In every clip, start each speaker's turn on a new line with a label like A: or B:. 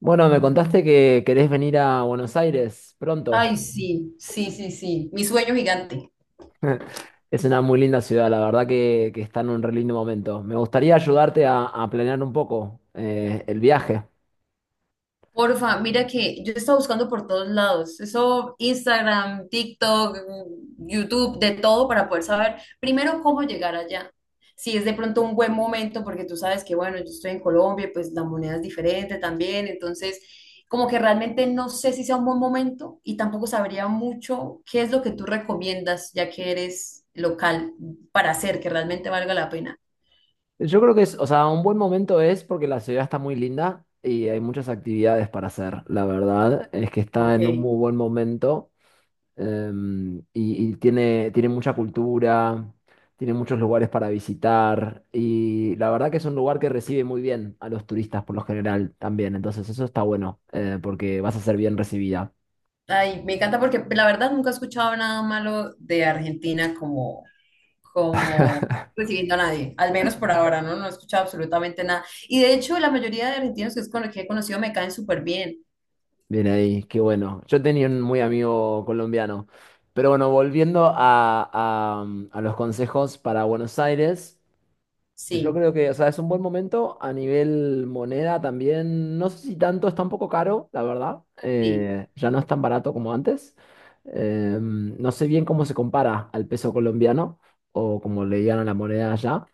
A: Bueno, me contaste que querés venir a Buenos Aires pronto.
B: Ay, sí, sí, sí, sí. Mi sueño gigante.
A: Es una muy linda ciudad, la verdad que está en un re lindo momento. Me gustaría ayudarte a planear un poco el viaje.
B: Porfa, mira que yo estaba buscando por todos lados. Eso, Instagram, TikTok, YouTube, de todo para poder saber primero cómo llegar allá. Si es de pronto un buen momento, porque tú sabes que, bueno, yo estoy en Colombia, pues la moneda es diferente también. Entonces, como que realmente no sé si sea un buen momento y tampoco sabría mucho qué es lo que tú recomiendas, ya que eres local, para hacer que realmente valga la pena.
A: Yo creo que es, o sea, un buen momento es porque la ciudad está muy linda y hay muchas actividades para hacer. La verdad es que está en un
B: Ok.
A: muy buen momento. Y tiene mucha cultura, tiene muchos lugares para visitar y la verdad que es un lugar que recibe muy bien a los turistas por lo general también, entonces eso está bueno porque vas a ser bien recibida.
B: Ay, me encanta porque la verdad nunca he escuchado nada malo de Argentina como, como recibiendo a nadie, al menos por ahora, ¿no? No he escuchado absolutamente nada. Y de hecho, la mayoría de argentinos que, que he conocido me caen súper bien.
A: Bien ahí, qué bueno. Yo tenía un muy amigo colombiano, pero bueno, volviendo a los consejos para Buenos Aires. Yo
B: Sí,
A: creo que, o sea, es un buen momento a nivel moneda también. No sé si tanto, está un poco caro, la verdad.
B: sí.
A: Ya no es tan barato como antes. No sé bien cómo se compara al peso colombiano o como le digan a la moneda allá.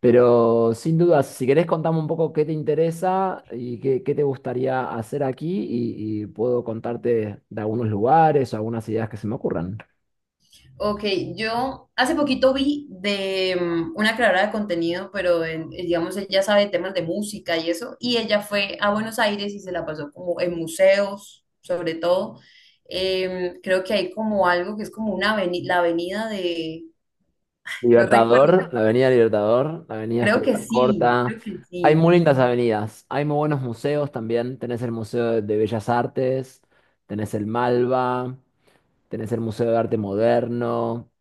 A: Pero sin duda, si querés contame un poco qué te interesa y qué te gustaría hacer aquí y puedo contarte de algunos lugares o algunas ideas que se me ocurran.
B: Ok, yo hace poquito vi de una creadora de contenido, digamos ella sabe temas de música y eso, y ella fue a Buenos Aires y se la pasó como en museos, sobre todo. Creo que hay como algo que es como una la avenida de, no recuerdo,
A: Libertador, la Avenida
B: creo que
A: Figueroa
B: sí,
A: Corta.
B: creo que
A: Hay
B: sí.
A: muy lindas avenidas. Hay muy buenos museos también. Tenés el Museo de Bellas Artes, tenés el Malva, tenés el Museo de Arte Moderno.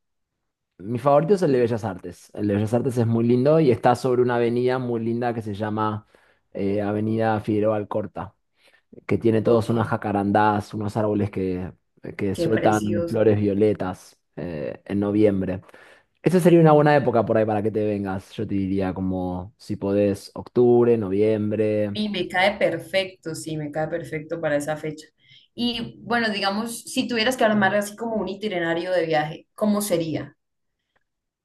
A: Mi favorito es el de Bellas Artes. El de Bellas Artes es muy lindo y está sobre una avenida muy linda que se llama Avenida Figueroa Corta, que tiene todos
B: Ok,
A: unas jacarandás, unos árboles que
B: qué
A: sueltan flores
B: precioso.
A: violetas en noviembre. Esa sería una buena época por ahí para que te vengas. Yo te diría como si podés, octubre, noviembre.
B: Y me cae perfecto, sí, me cae perfecto para esa fecha. Y bueno, digamos, si tuvieras que armar así como un itinerario de viaje, ¿cómo sería?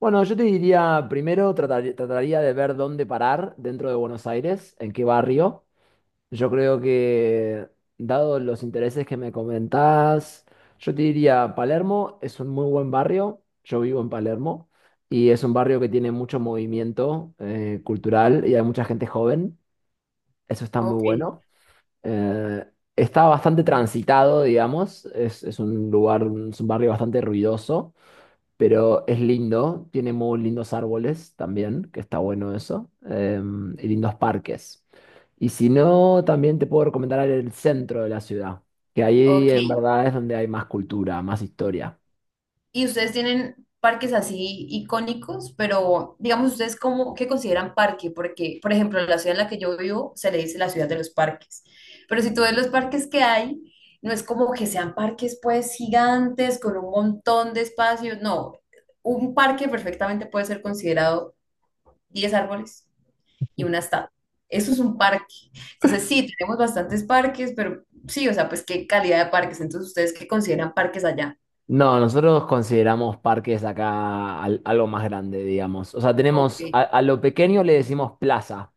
A: Bueno, yo te diría, primero trataría de ver dónde parar dentro de Buenos Aires, en qué barrio. Yo creo que, dado los intereses que me comentás, yo te diría, Palermo es un muy buen barrio. Yo vivo en Palermo y es un barrio que tiene mucho movimiento cultural y hay mucha gente joven. Eso está muy
B: Ok,
A: bueno. Eh, Está bastante transitado, digamos. Es un lugar, es un barrio bastante ruidoso, pero es lindo. Tiene muy lindos árboles también, que está bueno eso. Y lindos parques. Y si no, también te puedo recomendar el centro de la ciudad, que ahí
B: ok.
A: en verdad es donde hay más cultura, más historia.
B: ¿Y ustedes tienen parques así icónicos? Pero digamos, ¿ustedes cómo, qué consideran parque? Porque, por ejemplo, la ciudad en la que yo vivo se le dice la ciudad de los parques. Pero si tú ves los parques que hay, no es como que sean parques pues gigantes con un montón de espacios. No, un parque perfectamente puede ser considerado 10 árboles y una estatua. Eso es un parque. Entonces, sí, tenemos bastantes parques, pero sí, o sea, pues qué calidad de parques. Entonces, ¿ustedes qué consideran parques allá?
A: No, nosotros consideramos parques acá algo más grande, digamos. O sea,
B: Ok,
A: tenemos a lo pequeño le decimos plaza,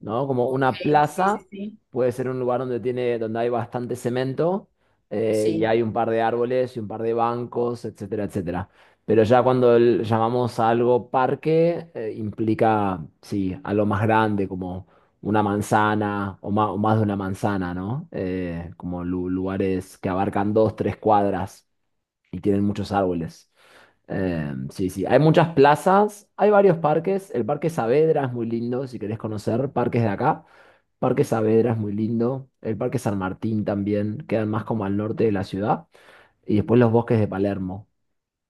A: ¿no? Como
B: ok,
A: una
B: sí,
A: plaza
B: sí, sí,
A: puede ser un lugar donde hay bastante cemento y
B: sí,
A: hay un par de árboles y un par de bancos, etcétera, etcétera. Pero ya cuando llamamos a algo parque, implica, sí, algo más grande, como una manzana o más de una manzana, ¿no? Como lugares que abarcan dos, tres cuadras y tienen muchos árboles. Sí, sí, hay muchas plazas, hay varios parques. El Parque Saavedra es muy lindo, si querés conocer parques de acá. Parque Saavedra es muy lindo. El Parque San Martín también, quedan más como al norte de la ciudad. Y después los bosques de Palermo,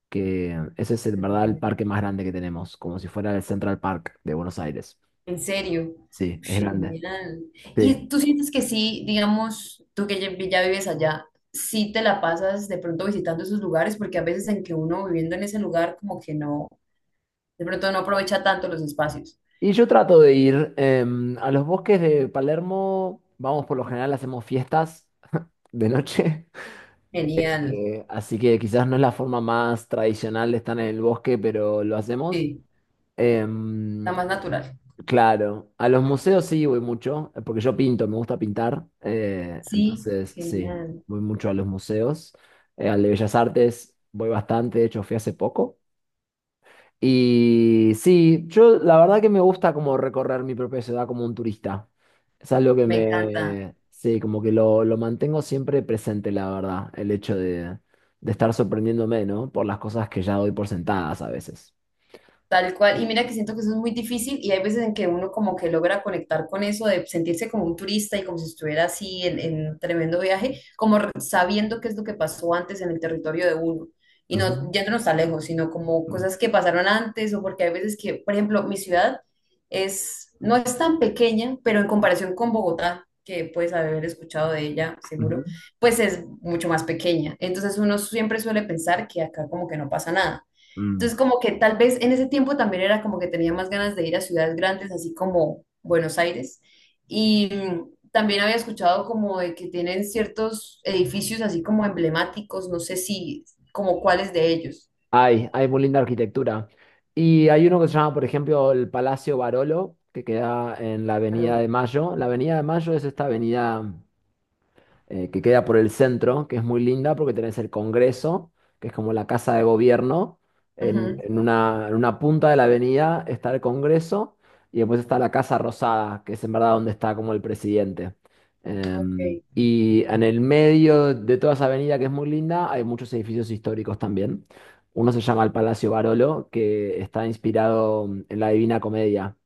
A: que ese es en verdad el parque más grande que tenemos, como si fuera el Central Park de Buenos Aires.
B: ¿en serio?
A: Sí, es grande.
B: Genial.
A: Sí.
B: ¿Y tú sientes que sí, digamos, tú que ya, ya vives allá, sí te la pasas de pronto visitando esos lugares? Porque a veces en que uno viviendo en ese lugar como que no, de pronto no aprovecha tanto los espacios.
A: Y yo trato de ir a los bosques de Palermo, vamos por lo general, hacemos fiestas de noche.
B: Genial,
A: Así que quizás no es la forma más tradicional de estar en el bosque, pero lo hacemos.
B: sí, está
A: Em,
B: más natural.
A: claro, a los museos sí voy mucho, porque yo pinto, me gusta pintar.
B: Sí,
A: Entonces, sí,
B: genial,
A: voy mucho a los museos. Al de Bellas Artes voy bastante, de hecho fui hace poco. Y sí, yo la verdad que me gusta como recorrer mi propia ciudad como un turista. Es algo que
B: me encanta.
A: me, sí, como que lo mantengo siempre presente, la verdad, el hecho de estar sorprendiéndome, ¿no? Por las cosas que ya doy por sentadas a veces.
B: Tal cual, y mira que siento que eso es muy difícil y hay veces en que uno como que logra conectar con eso de sentirse como un turista y como si estuviera así en un tremendo viaje, como sabiendo qué es lo que pasó antes en el territorio de uno y no
A: Ujú,
B: yéndonos tan lejos, sino como
A: ujú,
B: cosas que pasaron antes o porque hay veces que, por ejemplo, mi ciudad es, no es tan pequeña, pero en comparación con Bogotá, que puedes haber escuchado de ella
A: ujú,
B: seguro, pues es mucho más pequeña. Entonces uno siempre suele pensar que acá como que no pasa nada,
A: mm.
B: entonces, como que tal vez en ese tiempo también era como que tenía más ganas de ir a ciudades grandes, así como Buenos Aires. Y también había escuchado como de que tienen ciertos edificios así como emblemáticos, no sé si, como cuáles de ellos.
A: Hay muy linda arquitectura. Y hay uno que se llama, por ejemplo, el Palacio Barolo, que queda en la Avenida
B: Pero,
A: de Mayo. La Avenida de Mayo es esta avenida que queda por el centro, que es muy linda porque tenés el Congreso, que es como la casa de gobierno. En,
B: ujú,
A: en una, en una punta de la avenida está el Congreso y después está la Casa Rosada, que es en verdad donde está como el presidente.
B: ok,
A: Y en el medio de toda esa avenida que es muy linda hay muchos edificios históricos también. Uno se llama el Palacio Barolo, que está inspirado en la Divina Comedia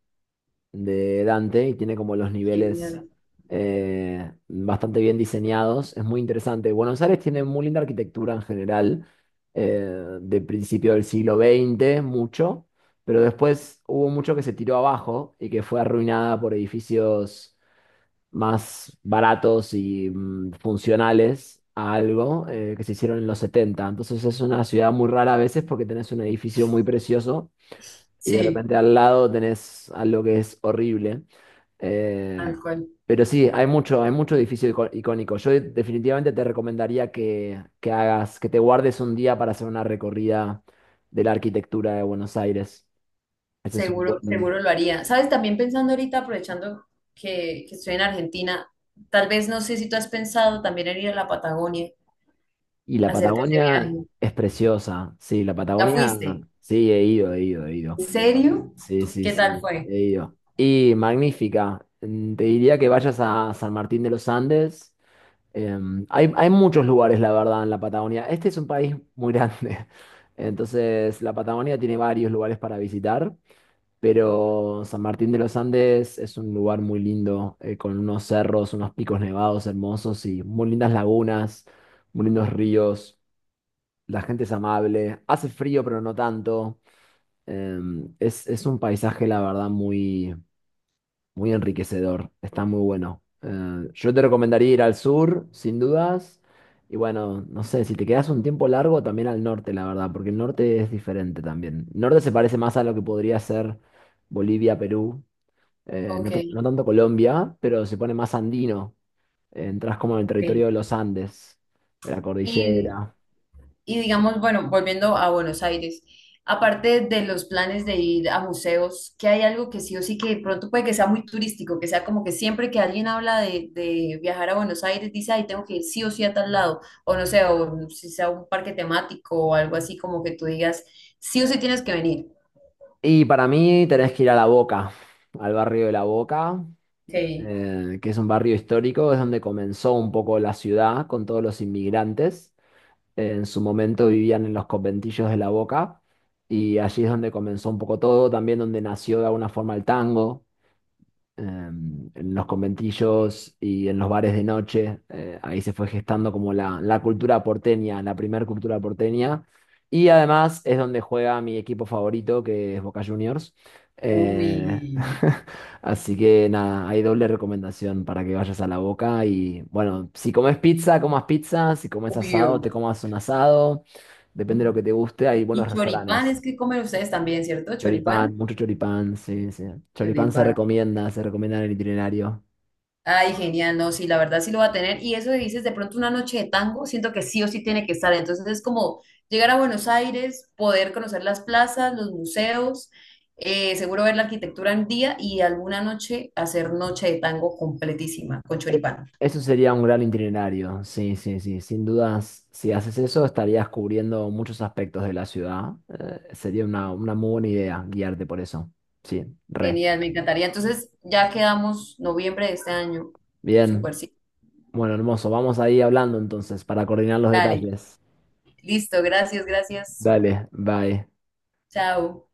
A: de Dante y tiene como los niveles
B: genial.
A: bastante bien diseñados. Es muy interesante. Buenos Aires tiene muy linda arquitectura en general, de principio del siglo XX mucho, pero después hubo mucho que se tiró abajo y que fue arruinada por edificios más baratos y funcionales. A algo que se hicieron en los setenta. Entonces es una ciudad muy rara a veces porque tenés un edificio muy precioso, y de
B: Sí,
A: repente al lado tenés algo que es horrible. Eh,
B: tal cual.
A: pero sí, hay mucho edificio icónico. Yo definitivamente te recomendaría que hagas, que te guardes un día para hacer una recorrida de la arquitectura de Buenos Aires. Ese es un
B: Seguro, seguro
A: buen.
B: lo haría. ¿Sabes? También pensando ahorita, aprovechando que estoy en Argentina, tal vez no sé si tú has pensado también en ir a la Patagonia,
A: Y la
B: a hacerte ese
A: Patagonia
B: viaje.
A: es preciosa. Sí, la
B: ¿Ya
A: Patagonia,
B: fuiste?
A: sí, he ido, he ido, he ido.
B: ¿En serio?
A: Sí, sí,
B: ¿Qué tal
A: sí,
B: fue?
A: he ido. Y magnífica. Te diría que vayas a San Martín de los Andes. Hay muchos lugares, la verdad, en la Patagonia. Este es un país muy grande. Entonces, la Patagonia tiene varios lugares para visitar, pero San Martín de los Andes es un lugar muy lindo, con unos cerros, unos picos nevados hermosos y muy lindas lagunas, muy lindos ríos. La gente es amable. Hace frío, pero no tanto. Es un paisaje, la verdad, muy, muy enriquecedor, está muy bueno. Yo te recomendaría ir al sur, sin dudas. Y bueno, no sé, si te quedas un tiempo largo, también al norte, la verdad, porque el norte es diferente también. El norte se parece más a lo que podría ser Bolivia, Perú, no,
B: Ok,
A: no tanto Colombia, pero se pone más andino. Entras como en el
B: ok.
A: territorio de los Andes, de la
B: Y,
A: cordillera.
B: y digamos, bueno, volviendo a Buenos Aires, aparte de los planes de ir a museos, ¿qué hay algo que sí o sí que de pronto puede que sea muy turístico, que sea como que siempre que alguien habla de viajar a Buenos Aires, dice, ay, tengo que ir sí o sí a tal lado, o no sé, o si sea un parque temático o algo así como que tú digas, sí o sí tienes que venir.
A: Y para mí tenés que ir a La Boca, al barrio de La Boca.
B: Ok.
A: Que es un barrio histórico, es donde comenzó un poco la ciudad con todos los inmigrantes. En su momento vivían en los conventillos de La Boca y allí es donde comenzó un poco todo, también donde nació de alguna forma el tango en los conventillos y en los bares de noche. Ahí se fue gestando como la cultura porteña, la primer cultura porteña. Y además es donde juega mi equipo favorito, que es Boca Juniors.
B: Uy,
A: Eh, Así que nada, hay doble recomendación para que vayas a la Boca. Y bueno, si comes pizza, comas pizza. Si comes asado, te
B: obvio.
A: comas un asado. Depende de lo que te guste, hay
B: Y
A: buenos
B: choripán es
A: restaurantes.
B: que comen ustedes también, ¿cierto? Choripán.
A: Choripán, mucho choripán, sí, sí. Choripán
B: Choripán.
A: se recomienda en el itinerario.
B: Ay, genial, no, sí, la verdad sí lo va a tener. Y eso que dices, de pronto una noche de tango, siento que sí o sí tiene que estar. Entonces es como llegar a Buenos Aires, poder conocer las plazas, los museos, seguro ver la arquitectura en día y alguna noche hacer noche de tango completísima con
A: E-
B: choripán.
A: Eso sería un gran itinerario, sí, sí, sí. Sin dudas, si haces eso, estarías cubriendo muchos aspectos de la ciudad. Sería una muy buena idea guiarte por eso. Sí, re.
B: Genial, me encantaría. Entonces ya quedamos noviembre de este año. Súper,
A: Bien.
B: sí.
A: Bueno, hermoso. Vamos ahí hablando entonces para coordinar los
B: Dale.
A: detalles.
B: Listo, gracias, gracias.
A: Dale, bye.
B: Chao.